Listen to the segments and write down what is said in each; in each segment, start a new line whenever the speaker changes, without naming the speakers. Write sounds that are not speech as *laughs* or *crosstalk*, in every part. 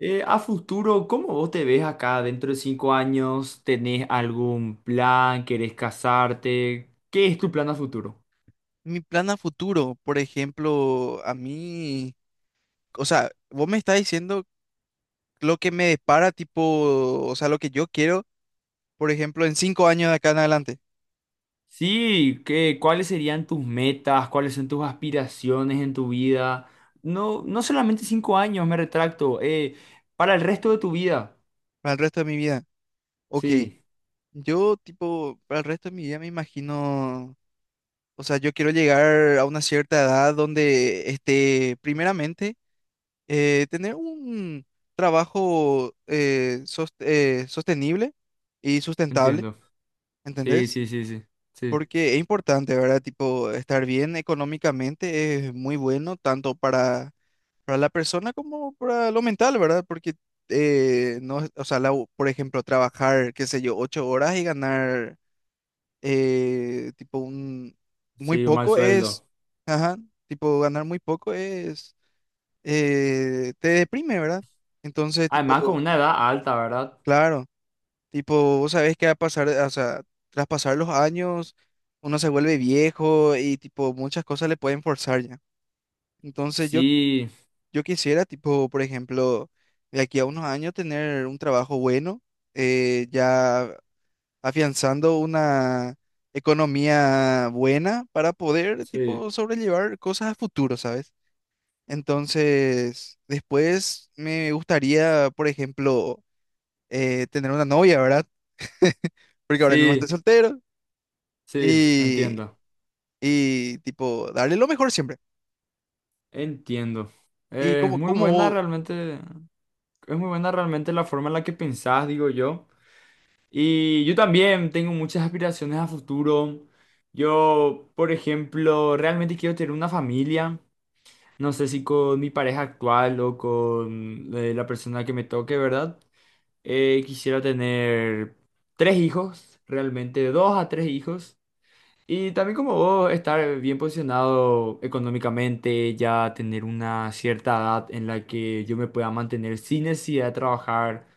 A futuro, ¿cómo vos te ves acá dentro de 5 años? ¿Tenés algún plan? ¿Querés casarte? ¿Qué es tu plan a futuro?
Mi plan a futuro, por ejemplo, a mí, o sea, vos me estás diciendo lo que me depara, tipo, o sea, lo que yo quiero, por ejemplo, en 5 años de acá en adelante,
Sí, ¿qué, cuáles serían tus metas? ¿Cuáles son tus aspiraciones en tu vida? No, no solamente 5 años, me retracto. Para el resto de tu vida.
para el resto de mi vida. Ok,
Sí,
yo, tipo, para el resto de mi vida me imagino, o sea, yo quiero llegar a una cierta edad donde, este, primeramente, tener un trabajo sostenible y sustentable,
entiendo. Sí,
¿entendés?
sí, sí, sí. Sí,
Porque es importante, ¿verdad? Tipo, estar bien económicamente es muy bueno tanto para la persona como para lo mental, ¿verdad? Porque, no, o sea, por ejemplo, trabajar, qué sé yo, 8 horas y ganar, tipo, muy
sí, un mal
poco es,
sueldo.
ajá, tipo, ganar muy poco es, te deprime, ¿verdad? Entonces,
Además, con
tipo,
una edad alta, ¿verdad?
claro. Tipo, vos sabés que a pasar, o sea, tras pasar los años, uno se vuelve viejo y tipo, muchas cosas le pueden forzar ya. Entonces yo,
Sí,
yo quisiera, tipo, por ejemplo, de aquí a unos años tener un trabajo bueno, ya afianzando una economía buena para poder,
sí,
tipo, sobrellevar cosas a futuro, ¿sabes? Entonces, después me gustaría, por ejemplo, tener una novia, ¿verdad? *laughs* Porque ahora mismo, sí, estoy
sí,
soltero.
sí,
y,
entiendo.
y tipo, darle lo mejor siempre.
Entiendo.
Y
Es
como,
muy
como
buena
vos-
realmente, es muy buena realmente la forma en la que pensás, digo yo. Y yo también tengo muchas aspiraciones a futuro. Yo, por ejemplo, realmente quiero tener una familia. No sé si con mi pareja actual o con la persona que me toque, ¿verdad? Quisiera tener 3 hijos, realmente 2 a 3 hijos. Y también como vos, estar bien posicionado económicamente, ya tener una cierta edad en la que yo me pueda mantener sin necesidad de trabajar,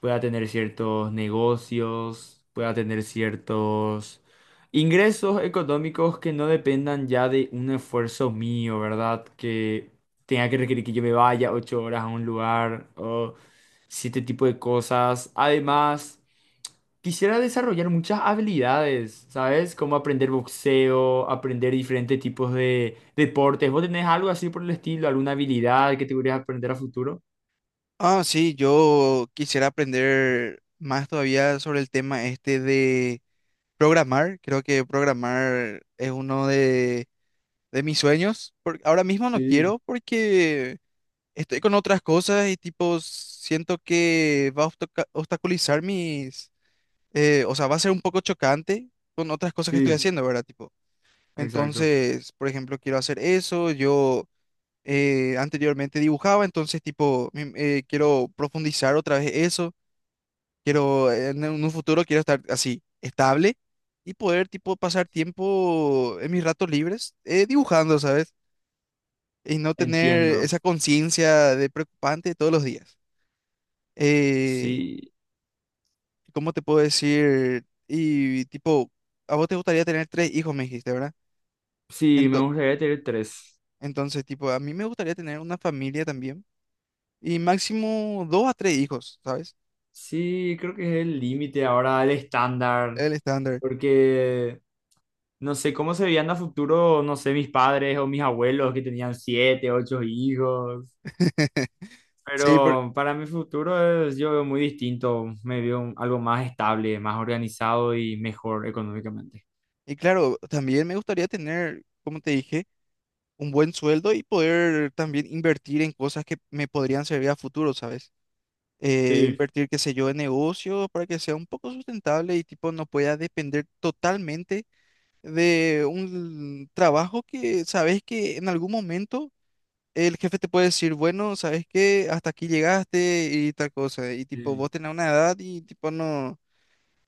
pueda tener ciertos negocios, pueda tener ciertos ingresos económicos que no dependan ya de un esfuerzo mío, ¿verdad? Que tenga que requerir que yo me vaya 8 horas a un lugar o siete tipo de cosas. Además... Quisiera desarrollar muchas habilidades, ¿sabes? Como aprender boxeo, aprender diferentes tipos de deportes. ¿Vos tenés algo así por el estilo? ¿Alguna habilidad que te gustaría aprender a futuro?
ah, sí, yo quisiera aprender más todavía sobre el tema este de programar. Creo que programar es uno de mis sueños. Ahora mismo no
Sí,
quiero porque estoy con otras cosas y tipo, siento que va a obstaculizar mis, o sea, va a ser un poco chocante con otras cosas que estoy, ujú,
sí,
haciendo, ¿verdad? Tipo,
exacto.
entonces, por ejemplo, quiero hacer eso, yo... anteriormente dibujaba, entonces tipo, quiero profundizar otra vez eso, en un futuro quiero estar así, estable y poder tipo pasar tiempo en mis ratos libres dibujando, ¿sabes? Y no tener
Entiendo.
esa conciencia de preocupante todos los días. Eh,
Sí,
¿Cómo te puedo decir? Y tipo, a vos te gustaría tener tres hijos, me dijiste, ¿verdad?
sí, me
Ento-
gustaría tener 3.
entonces, tipo, a mí me gustaría tener una familia también y máximo dos a tres hijos, ¿sabes?
Sí, creo que es el límite ahora, el estándar,
El estándar.
porque no sé cómo se veían a futuro, no sé, mis padres o mis abuelos que tenían 7, 8 hijos.
*laughs* Sí,
Pero para mi futuro es, yo veo muy distinto, me veo algo más estable, más organizado y mejor económicamente.
y claro, también me gustaría tener, como te dije, un buen sueldo y poder también invertir en cosas que me podrían servir a futuro, ¿sabes?
Sí,
Invertir, qué sé yo, en negocios para que sea un poco sustentable y tipo no pueda depender totalmente de un trabajo que sabes que en algún momento el jefe te puede decir, bueno, sabes que hasta aquí llegaste y tal cosa, y tipo
sí,
vos tenés una edad y tipo no.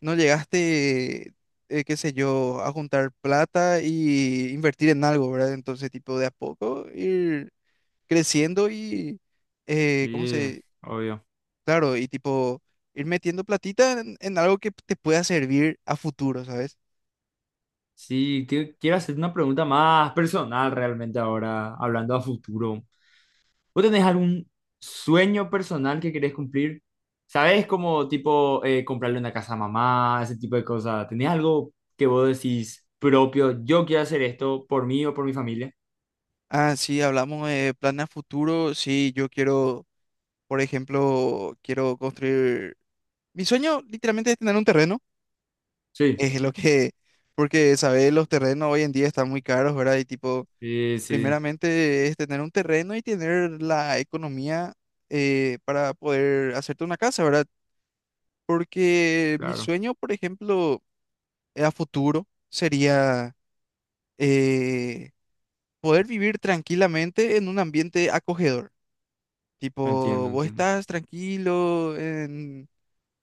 ¿No llegaste, qué sé yo, a juntar plata y invertir en algo, ¿verdad? Entonces, tipo, de a poco ir creciendo y, ¿cómo
sí,
se?
obvio.
Claro, y tipo, ir metiendo platita en algo que te pueda servir a futuro, ¿sabes?
Sí, quiero hacer una pregunta más personal realmente ahora, hablando a futuro. ¿Vos tenés algún sueño personal que querés cumplir? ¿Sabés como tipo comprarle una casa a mamá, ese tipo de cosas? ¿Tenés algo que vos decís propio, yo quiero hacer esto por mí o por mi familia?
Ah, sí, hablamos de planes a futuro. Sí, yo quiero, por ejemplo, quiero construir... Mi sueño literalmente es tener un terreno. *laughs*
Sí,
Es lo que... Porque, ¿sabes? Los terrenos hoy en día están muy caros, ¿verdad? Y tipo...
sí, sí,
Primeramente es tener un terreno y tener la economía para poder hacerte una casa, ¿verdad? Porque mi
claro.
sueño, por ejemplo, a futuro sería eh, poder vivir tranquilamente en un ambiente acogedor. Tipo,
Entiendo,
vos
entiendo.
estás tranquilo en,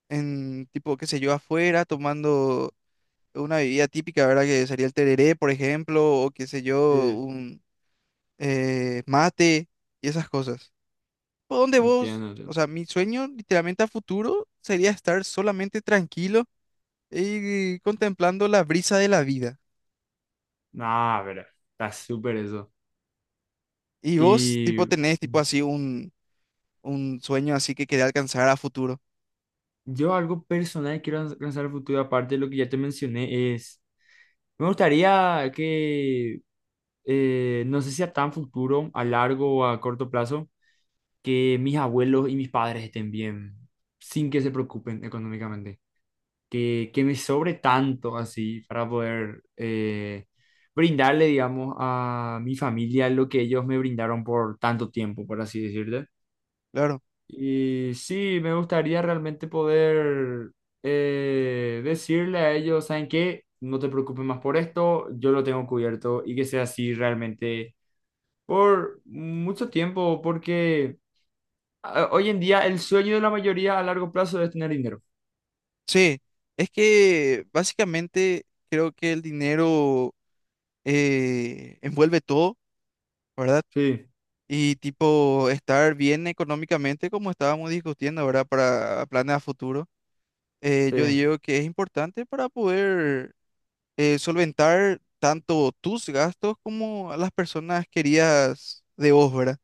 en, tipo, qué sé yo, afuera tomando una bebida típica, ¿verdad? Que sería el tereré, por ejemplo, o qué sé yo,
Sí,
un mate y esas cosas. ¿Por dónde vos?
entiendo,
O
entiendo.
sea, mi sueño literalmente a futuro sería estar solamente tranquilo y contemplando la brisa de la vida.
Nah, pero está súper eso.
Y vos, tipo,
Y
tenés tipo así un sueño así que querés alcanzar a futuro.
yo algo personal que quiero lanzar al futuro, aparte de lo que ya te mencioné, es, me gustaría que, no sé si a tan futuro, a largo o a corto plazo, que mis abuelos y mis padres estén bien, sin que se preocupen económicamente. Que me sobre tanto así para poder brindarle, digamos, a mi familia lo que ellos me brindaron por tanto tiempo, por así decirlo.
Claro.
Y sí, me gustaría realmente poder decirle a ellos, ¿saben qué? No te preocupes más por esto, yo lo tengo cubierto y que sea así realmente por mucho tiempo, porque hoy en día el sueño de la mayoría a largo plazo es tener dinero.
Sí, es que básicamente creo que el dinero envuelve todo, ¿verdad?
Sí,
Y tipo, estar bien económicamente, como estábamos discutiendo, ¿verdad? Para planes a futuro
sí,
yo digo que es importante para poder solventar tanto tus gastos como a las personas queridas de vos, ¿verdad?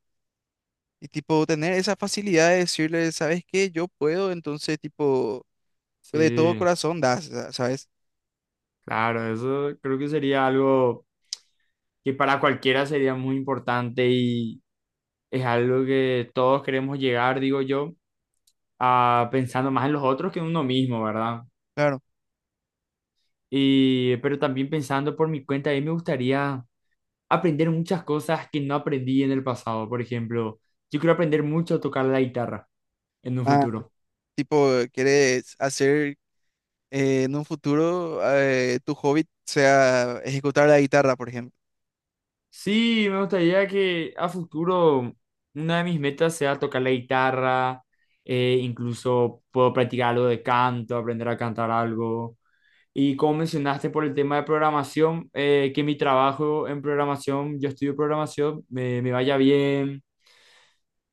Y tipo, tener esa facilidad de decirle, ¿sabes qué? Yo puedo, entonces, tipo, de todo
sí.
corazón das, ¿sabes?
Claro, eso creo que sería algo que para cualquiera sería muy importante y es algo que todos queremos llegar, digo yo, a pensando más en los otros que en uno mismo, ¿verdad?
Claro.
Y pero también pensando por mi cuenta, a mí me gustaría aprender muchas cosas que no aprendí en el pasado. Por ejemplo, yo quiero aprender mucho a tocar la guitarra en un
Ah,
futuro.
tipo, quieres hacer en un futuro tu hobby sea ejecutar la guitarra, por ejemplo.
Sí, me gustaría que a futuro una de mis metas sea tocar la guitarra, incluso puedo practicar algo de canto, aprender a cantar algo. Y como mencionaste por el tema de programación, que mi trabajo en programación, yo estudio programación, me vaya bien.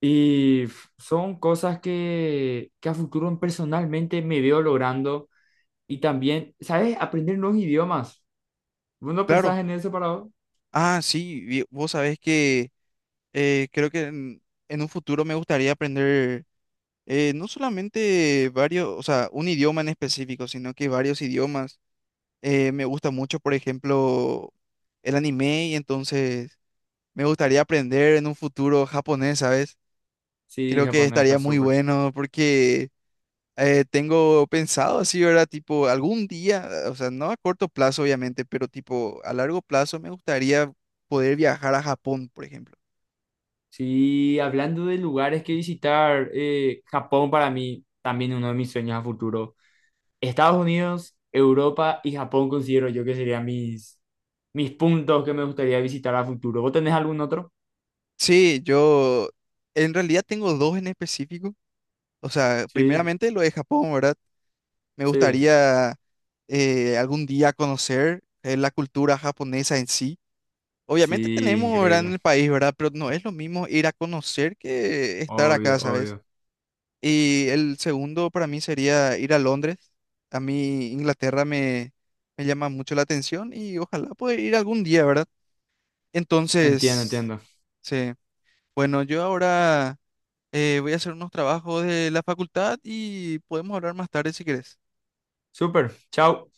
Y son cosas que a futuro personalmente me veo logrando. Y también, ¿sabes? Aprender nuevos idiomas. ¿Vos no
Claro.
pensás en eso para vos?
Ah, sí, vos sabés que creo que en un futuro me gustaría aprender no solamente varios, o sea, un idioma en específico, sino que varios idiomas. Me gusta mucho, por ejemplo, el anime y entonces me gustaría aprender en un futuro japonés, ¿sabes?
Sí,
Creo que
japonés está
estaría muy
súper.
bueno porque tengo pensado así, ¿verdad? Tipo, algún día, o sea, no a corto plazo, obviamente, pero tipo, a largo plazo me gustaría poder viajar a Japón, por ejemplo.
Sí, hablando de lugares que visitar, Japón para mí también uno de mis sueños a futuro. Estados Unidos, Europa y Japón considero yo que serían mis, mis puntos que me gustaría visitar a futuro. ¿Vos tenés algún otro?
Sí, yo en realidad tengo dos en específico. O sea,
Sí,
primeramente lo de Japón, ¿verdad? Me
sí,
gustaría algún día conocer la cultura japonesa en sí. Obviamente
sí,
tenemos, ¿verdad? En
increíble.
el país, ¿verdad? Pero no es lo mismo ir a conocer que estar
Obvio,
acá, ¿sabes?
obvio.
Y el segundo para mí sería ir a Londres. A mí Inglaterra me llama mucho la atención y ojalá poder ir algún día, ¿verdad?
Entiendo,
Entonces,
entiendo.
sí. Bueno, yo ahora voy a hacer unos trabajos de la facultad y podemos hablar más tarde si quieres.
Súper, chao.